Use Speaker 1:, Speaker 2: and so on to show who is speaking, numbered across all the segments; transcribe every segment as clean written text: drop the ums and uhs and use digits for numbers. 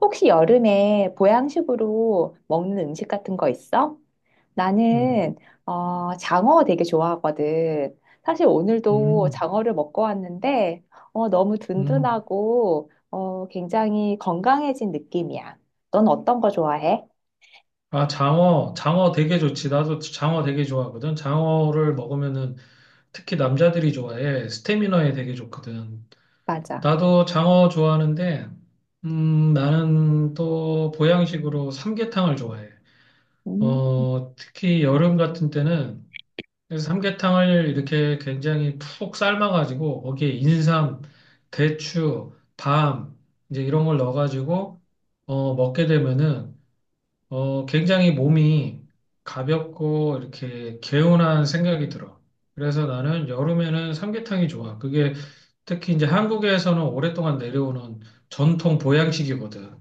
Speaker 1: 혹시 여름에 보양식으로 먹는 음식 같은 거 있어?
Speaker 2: 음,
Speaker 1: 나는 장어 되게 좋아하거든. 사실 오늘도
Speaker 2: 음,
Speaker 1: 장어를 먹고 왔는데 너무
Speaker 2: 음.
Speaker 1: 든든하고 굉장히 건강해진 느낌이야. 넌 어떤 거 좋아해?
Speaker 2: 아, 장어, 장어 되게 좋지. 나도 장어 되게 좋아하거든. 장어를 먹으면은 특히 남자들이 좋아해. 스태미너에 되게 좋거든.
Speaker 1: 맞아.
Speaker 2: 나도 장어 좋아하는데, 나는 또 보양식으로 삼계탕을 좋아해.
Speaker 1: 음,
Speaker 2: 특히 여름 같은 때는 그래서 삼계탕을 이렇게 굉장히 푹 삶아가지고 거기에 인삼, 대추, 밤, 이제 이런 걸 넣어가지고 먹게 되면은 굉장히 몸이 가볍고 이렇게 개운한 생각이 들어. 그래서 나는 여름에는 삼계탕이 좋아. 그게 특히 이제 한국에서는 오랫동안 내려오는 전통 보양식이거든.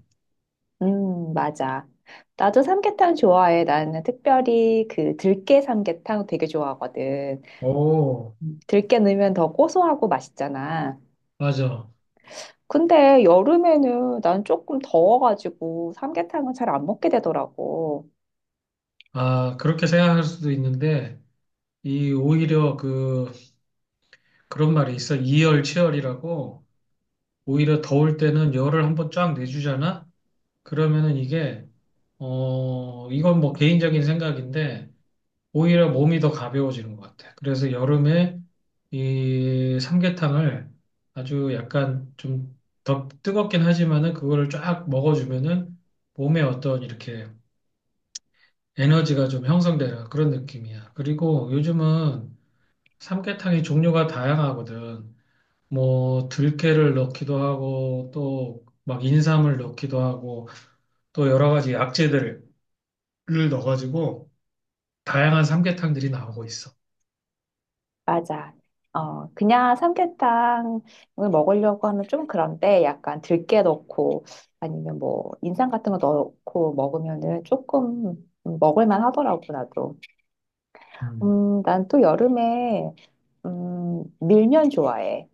Speaker 1: 맞아. 나도 삼계탕 좋아해. 나는 특별히 그 들깨 삼계탕 되게 좋아하거든.
Speaker 2: 오,
Speaker 1: 음. 들깨 넣으면 더 고소하고 맛있잖아.
Speaker 2: 맞아.
Speaker 1: 근데 여름에는 난 조금 더워가지고 삼계탕은 잘 안 먹게 되더라고.
Speaker 2: 아, 그렇게 생각할 수도 있는데, 이 오히려 그런 말이 있어. 이열치열이라고, 오히려 더울 때는 열을 한번 쫙 내주잖아? 그러면은 이게, 이건 뭐 개인적인 생각인데, 오히려 몸이 더 가벼워지는 것 같아. 그래서 여름에 이 삼계탕을 아주 약간 좀 더 뜨겁긴 하지만은 그거를 쫙 먹어주면은 몸에 어떤 이렇게 에너지가 좀 형성되는 그런 느낌이야. 그리고 요즘은 삼계탕이 종류가 다양하거든. 뭐 들깨를 넣기도 하고 또 막 인삼을 넣기도 하고 또 여러 가지 약재들을 넣어가지고 다양한 삼계탕들이 나오고 있어.
Speaker 1: 맞아. 어, 그냥 삼계탕을 먹으려고 하면 좀 그런데 약간 들깨 넣고 아니면 뭐 인삼 같은 거 넣고 먹으면은 조금 먹을만 하더라고, 나도.
Speaker 2: 음.
Speaker 1: 난 또 여름에, 밀면 좋아해.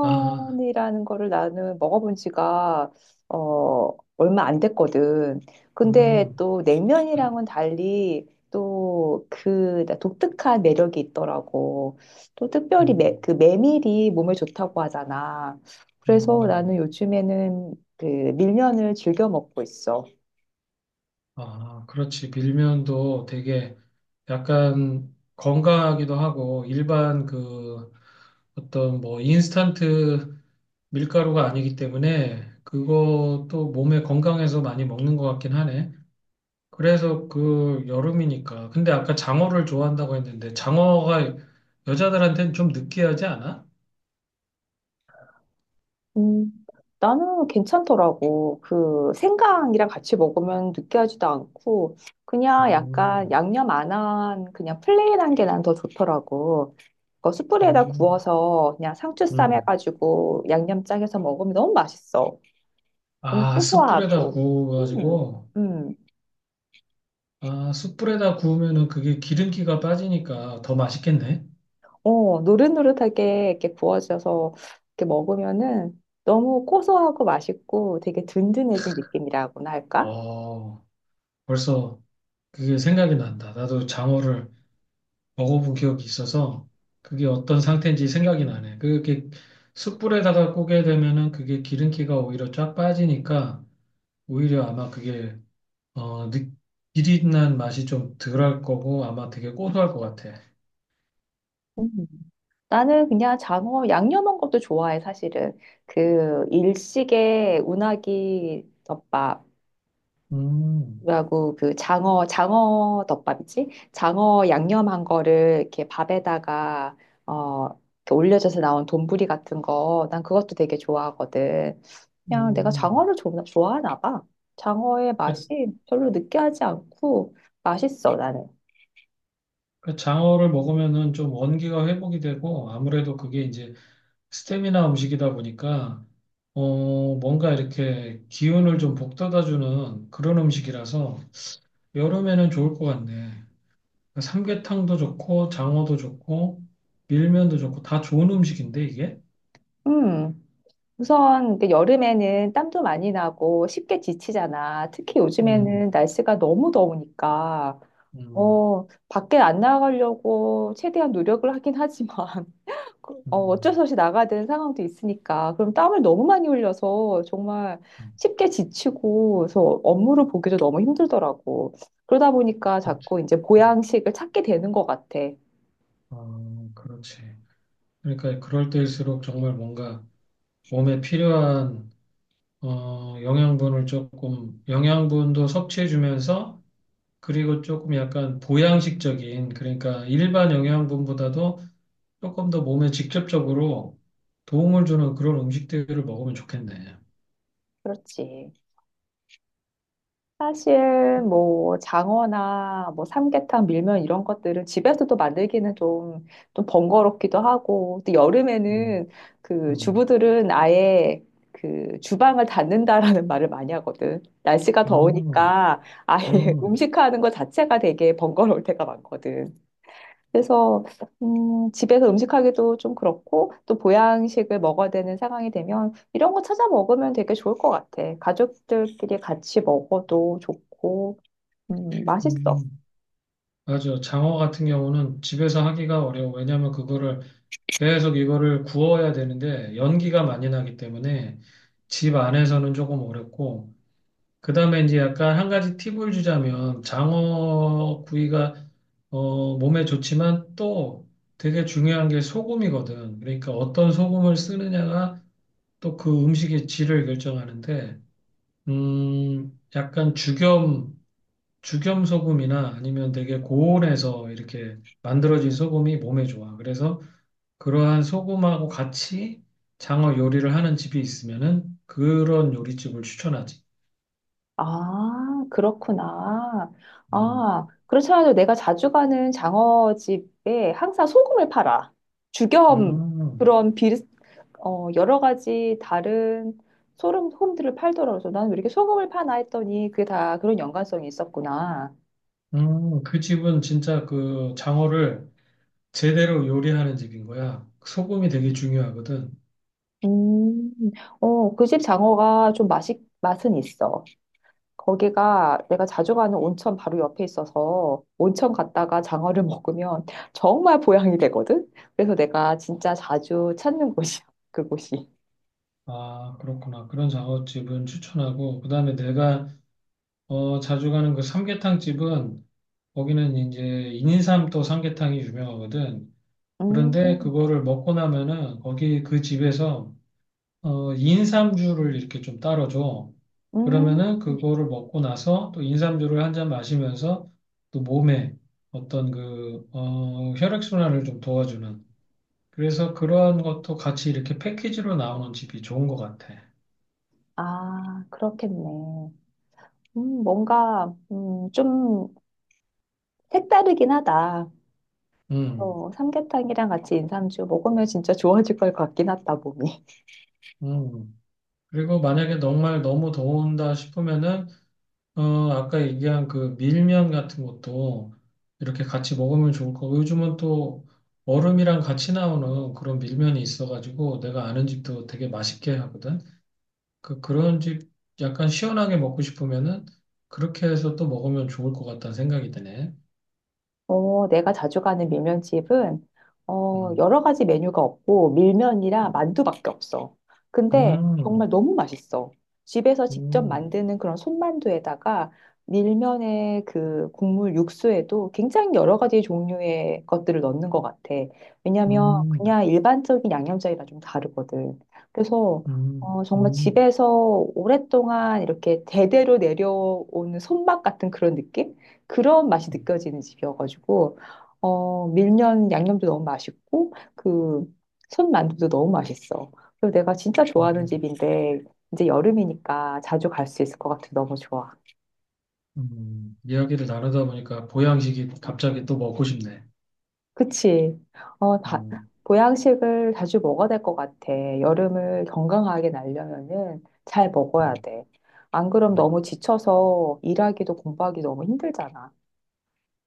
Speaker 2: 아.
Speaker 1: 거를 나는 먹어본 지가 어, 얼마 안 됐거든. 근데
Speaker 2: 음,
Speaker 1: 또 냉면이랑은 달리 또 그 독특한 매력이 있더라고. 또 특별히
Speaker 2: 음.
Speaker 1: 그 메밀이 몸에 좋다고 하잖아. 그래서 나는
Speaker 2: 음.
Speaker 1: 요즘에는 그 밀면을 즐겨 먹고 있어.
Speaker 2: 아, 그렇지. 밀면도 되게 약간 건강하기도 하고 일반 그 어떤 뭐 인스턴트 밀가루가 아니기 때문에 그것도 몸에 건강해서 많이 먹는 것 같긴 하네. 그래서 그 여름이니까. 근데 아까 장어를 좋아한다고 했는데 장어가 여자들한테는 좀 느끼하지 않아?
Speaker 1: 음, 나는 괜찮더라고. 그 생강이랑 같이 먹으면 느끼하지도 않고 그냥 약간
Speaker 2: 음,
Speaker 1: 양념 안한 그냥 플레인한 게 난 더 좋더라고. 그 숯불에다
Speaker 2: 음,
Speaker 1: 구워서 그냥 상추 쌈
Speaker 2: 음.
Speaker 1: 해가지고 양념장 해서 먹으면 너무 맛있어. 너무
Speaker 2: 아, 숯불에다
Speaker 1: 고소하고. 음,
Speaker 2: 구워가지고.
Speaker 1: 음.
Speaker 2: 아, 숯불에다 구우면은 그게 기름기가 빠지니까 더 맛있겠네.
Speaker 1: 어, 노릇노릇하게 이렇게 구워져서 이렇게 먹으면은 너무 고소하고 맛있고 되게 든든해진 느낌이라고나 할까?
Speaker 2: 어, 벌써 그게 생각이 난다. 나도 장어를 먹어본 기억이 있어서 그게 어떤 상태인지 생각이 나네. 그게 숯불에다가 구게 되면은 그게 기름기가 오히려 쫙 빠지니까 오히려 아마 그게 어, 느- 비릿한 맛이 좀 덜할 거고 아마 되게 고소할 것 같아.
Speaker 1: 음. 나는 그냥 장어 양념한 것도 좋아해, 사실은. 그 일식의 우나기 덮밥이라고
Speaker 2: 음,
Speaker 1: 그 장어 덮밥이지? 장어 양념한 거를 이렇게 밥에다가, 어, 이렇게 올려져서 나온 돈부리 같은 거, 난 그것도 되게 좋아하거든. 그냥 내가
Speaker 2: 음.
Speaker 1: 좋아하나 봐. 장어의
Speaker 2: 그-
Speaker 1: 맛이 별로 느끼하지 않고 맛있어, 나는.
Speaker 2: 그 장어를 먹으면은 좀 원기가 회복이 되고 아무래도 그게 이제 스테미나 음식이다 보니까 뭔가 이렇게 기운을 좀 북돋아주는 그런 음식이라서 여름에는 좋을 것 같네. 그러니까 삼계탕도 좋고 장어도 좋고 밀면도 좋고 다 좋은 음식인데 이게?
Speaker 1: 음. 우선 이게 여름에는 땀도 많이 나고 쉽게 지치잖아. 특히
Speaker 2: 음,
Speaker 1: 요즘에는 날씨가 너무 더우니까
Speaker 2: 음,
Speaker 1: 밖에 안 나가려고 최대한 노력을 하긴 하지만 어쩔
Speaker 2: 음,
Speaker 1: 수 없이 나가야 되는 상황도 있으니까 그럼 땀을 너무 많이 흘려서 정말
Speaker 2: 음,
Speaker 1: 쉽게 지치고 그래서 업무를 보기도 너무 힘들더라고. 그러다 보니까
Speaker 2: 그렇지.
Speaker 1: 자꾸 이제 보양식을 찾게 되는 것 같아.
Speaker 2: 어, 그렇지. 그러니까 그럴 때일수록 정말 뭔가 몸에 필요한 영양분을 조금 영양분도 섭취해주면서 그리고 조금 약간 보양식적인, 그러니까 일반 영양분보다도 조금 더 몸에 직접적으로 도움을 주는 그런 음식들을 먹으면 좋겠네.
Speaker 1: 그렇지. 사실 뭐 장어나 뭐 삼계탕, 밀면 이런 것들은 집에서도 만들기는 좀 번거롭기도 하고, 또
Speaker 2: 음,
Speaker 1: 여름에는 그
Speaker 2: 음,
Speaker 1: 주부들은 아예 그 주방을 닫는다라는 말을 많이 하거든. 날씨가
Speaker 2: 음,
Speaker 1: 더우니까 아예
Speaker 2: 음,
Speaker 1: 음식하는 것 자체가 되게 번거로울 때가 많거든. 그래서 집에서 음식하기도 좀 그렇고 또 보양식을 먹어야 되는 상황이 되면 이런 거 찾아 먹으면 되게 좋을 것 같아. 가족들끼리 같이 먹어도 좋고 맛있어.
Speaker 2: 음. 맞아. 장어 같은 경우는 집에서 하기가 어려워. 왜냐하면 그거를 계속 이거를 구워야 되는데 연기가 많이 나기 때문에 집 안에서는 조금 어렵고 그 다음에 이제 약간 한 가지 팁을 주자면 장어 구이가 몸에 좋지만 또 되게 중요한 게 소금이거든. 그러니까 어떤 소금을 쓰느냐가 또 그 음식의 질을 결정하는데, 약간 죽염, 죽염 소금이나 아니면 되게 고온에서 이렇게 만들어진 소금이 몸에 좋아. 그래서 그러한 소금하고 같이 장어 요리를 하는 집이 있으면은 그런 요리집을 추천하지.
Speaker 1: 아, 그렇구나.
Speaker 2: 음.
Speaker 1: 아, 그렇지 않아도 내가 자주 가는 장어집에 항상 소금을 팔아. 죽염
Speaker 2: 음.
Speaker 1: 그런 비 어, 여러 가지 다른 소름 홈들을 팔더라고요. 나는 왜 이렇게 소금을 파나 했더니 그게 다 그런 연관성이 있었구나.
Speaker 2: 그 집은 진짜 그 장어를 제대로 요리하는 집인 거야. 소금이 되게 중요하거든.
Speaker 1: 음, 어, 그 집 장어가 좀 맛은 있어. 거기가 내가 자주 가는 온천 바로 옆에 있어서 온천 갔다가 장어를 먹으면 정말 보양이 되거든? 그래서 내가 진짜 자주 찾는 곳이야, 그곳이.
Speaker 2: 아, 그렇구나. 그런 장어집은 추천하고, 그 다음에 내가, 자주 가는 그 삼계탕 집은, 거기는 이제 인삼도 삼계탕이 유명하거든. 그런데
Speaker 1: 음,
Speaker 2: 그거를 먹고 나면은, 거기 그 집에서 인삼주를 이렇게 좀 따라줘.
Speaker 1: 음,
Speaker 2: 그러면은 그거를 먹고 나서 또 인삼주를 한 잔 마시면서 또 몸에 어떤 혈액순환을 좀 도와주는. 그래서 그러한 것도 같이 이렇게 패키지로 나오는 집이 좋은 것 같아.
Speaker 1: 아, 그렇겠네. 뭔가, 좀 색다르긴 하다.
Speaker 2: 음,
Speaker 1: 어, 삼계탕이랑 같이 인삼주 먹으면 진짜 좋아질 것 같긴 하다, 몸이.
Speaker 2: 음. 그리고 만약에 정말 너무 더운다 싶으면은 어, 아까 얘기한 그 밀면 같은 것도 이렇게 같이 먹으면 좋을 거고 요즘은 또 얼음이랑 같이 나오는 그런 밀면이 있어가지고 내가 아는 집도 되게 맛있게 하거든. 그 그런 집 약간 시원하게 먹고 싶으면은 그렇게 해서 또 먹으면 좋을 것 같다는 생각이 드네.
Speaker 1: 어, 내가 자주 가는 밀면집은
Speaker 2: 음,
Speaker 1: 여러 가지 메뉴가 없고 밀면이랑
Speaker 2: 음,
Speaker 1: 만두밖에 없어. 근데
Speaker 2: 음,
Speaker 1: 정말 너무 맛있어. 집에서 직접
Speaker 2: 음,
Speaker 1: 만드는 그런 손만두에다가 밀면의 그 국물 육수에도 굉장히 여러 가지 종류의 것들을 넣는 것 같아. 왜냐면
Speaker 2: 음,
Speaker 1: 그냥 일반적인 양념장이랑 좀 다르거든. 그래서
Speaker 2: 음,
Speaker 1: 어, 정말
Speaker 2: 음,
Speaker 1: 집에서 오랫동안 이렇게 대대로 내려오는 손맛 같은 그런 느낌? 그런 맛이 느껴지는 집이어가지고 어 밀면 양념도 너무 맛있고 그 손만두도 너무 맛있어. 그리고 내가 진짜 좋아하는
Speaker 2: 음.
Speaker 1: 집인데 이제 여름이니까 자주 갈 수 있을 것 같아. 너무 좋아.
Speaker 2: 음. 이야기를 나누다 보니까 보양식이 갑자기 또 먹고 싶네.
Speaker 1: 그치? 어, 다,
Speaker 2: 음,
Speaker 1: 보양식을 자주 먹어야 될 것 같아. 여름을 건강하게 날려면은 잘 먹어야
Speaker 2: 음,
Speaker 1: 돼. 안 그럼
Speaker 2: 음.
Speaker 1: 너무 지쳐서 일하기도 공부하기 너무 힘들잖아.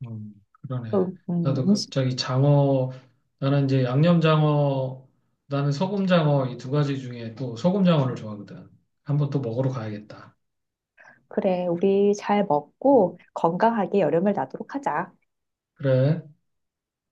Speaker 2: 음, 그러네.
Speaker 1: 그래서,
Speaker 2: 나도 갑자기 장어, 나는 이제 양념장어, 나는 소금장어 이 두 가지 중에 또 소금장어를 좋아하거든. 한번 또 먹으러 가야겠다.
Speaker 1: 그래, 우리 잘
Speaker 2: 음,
Speaker 1: 먹고 건강하게 여름을 나도록 하자.
Speaker 2: 그래.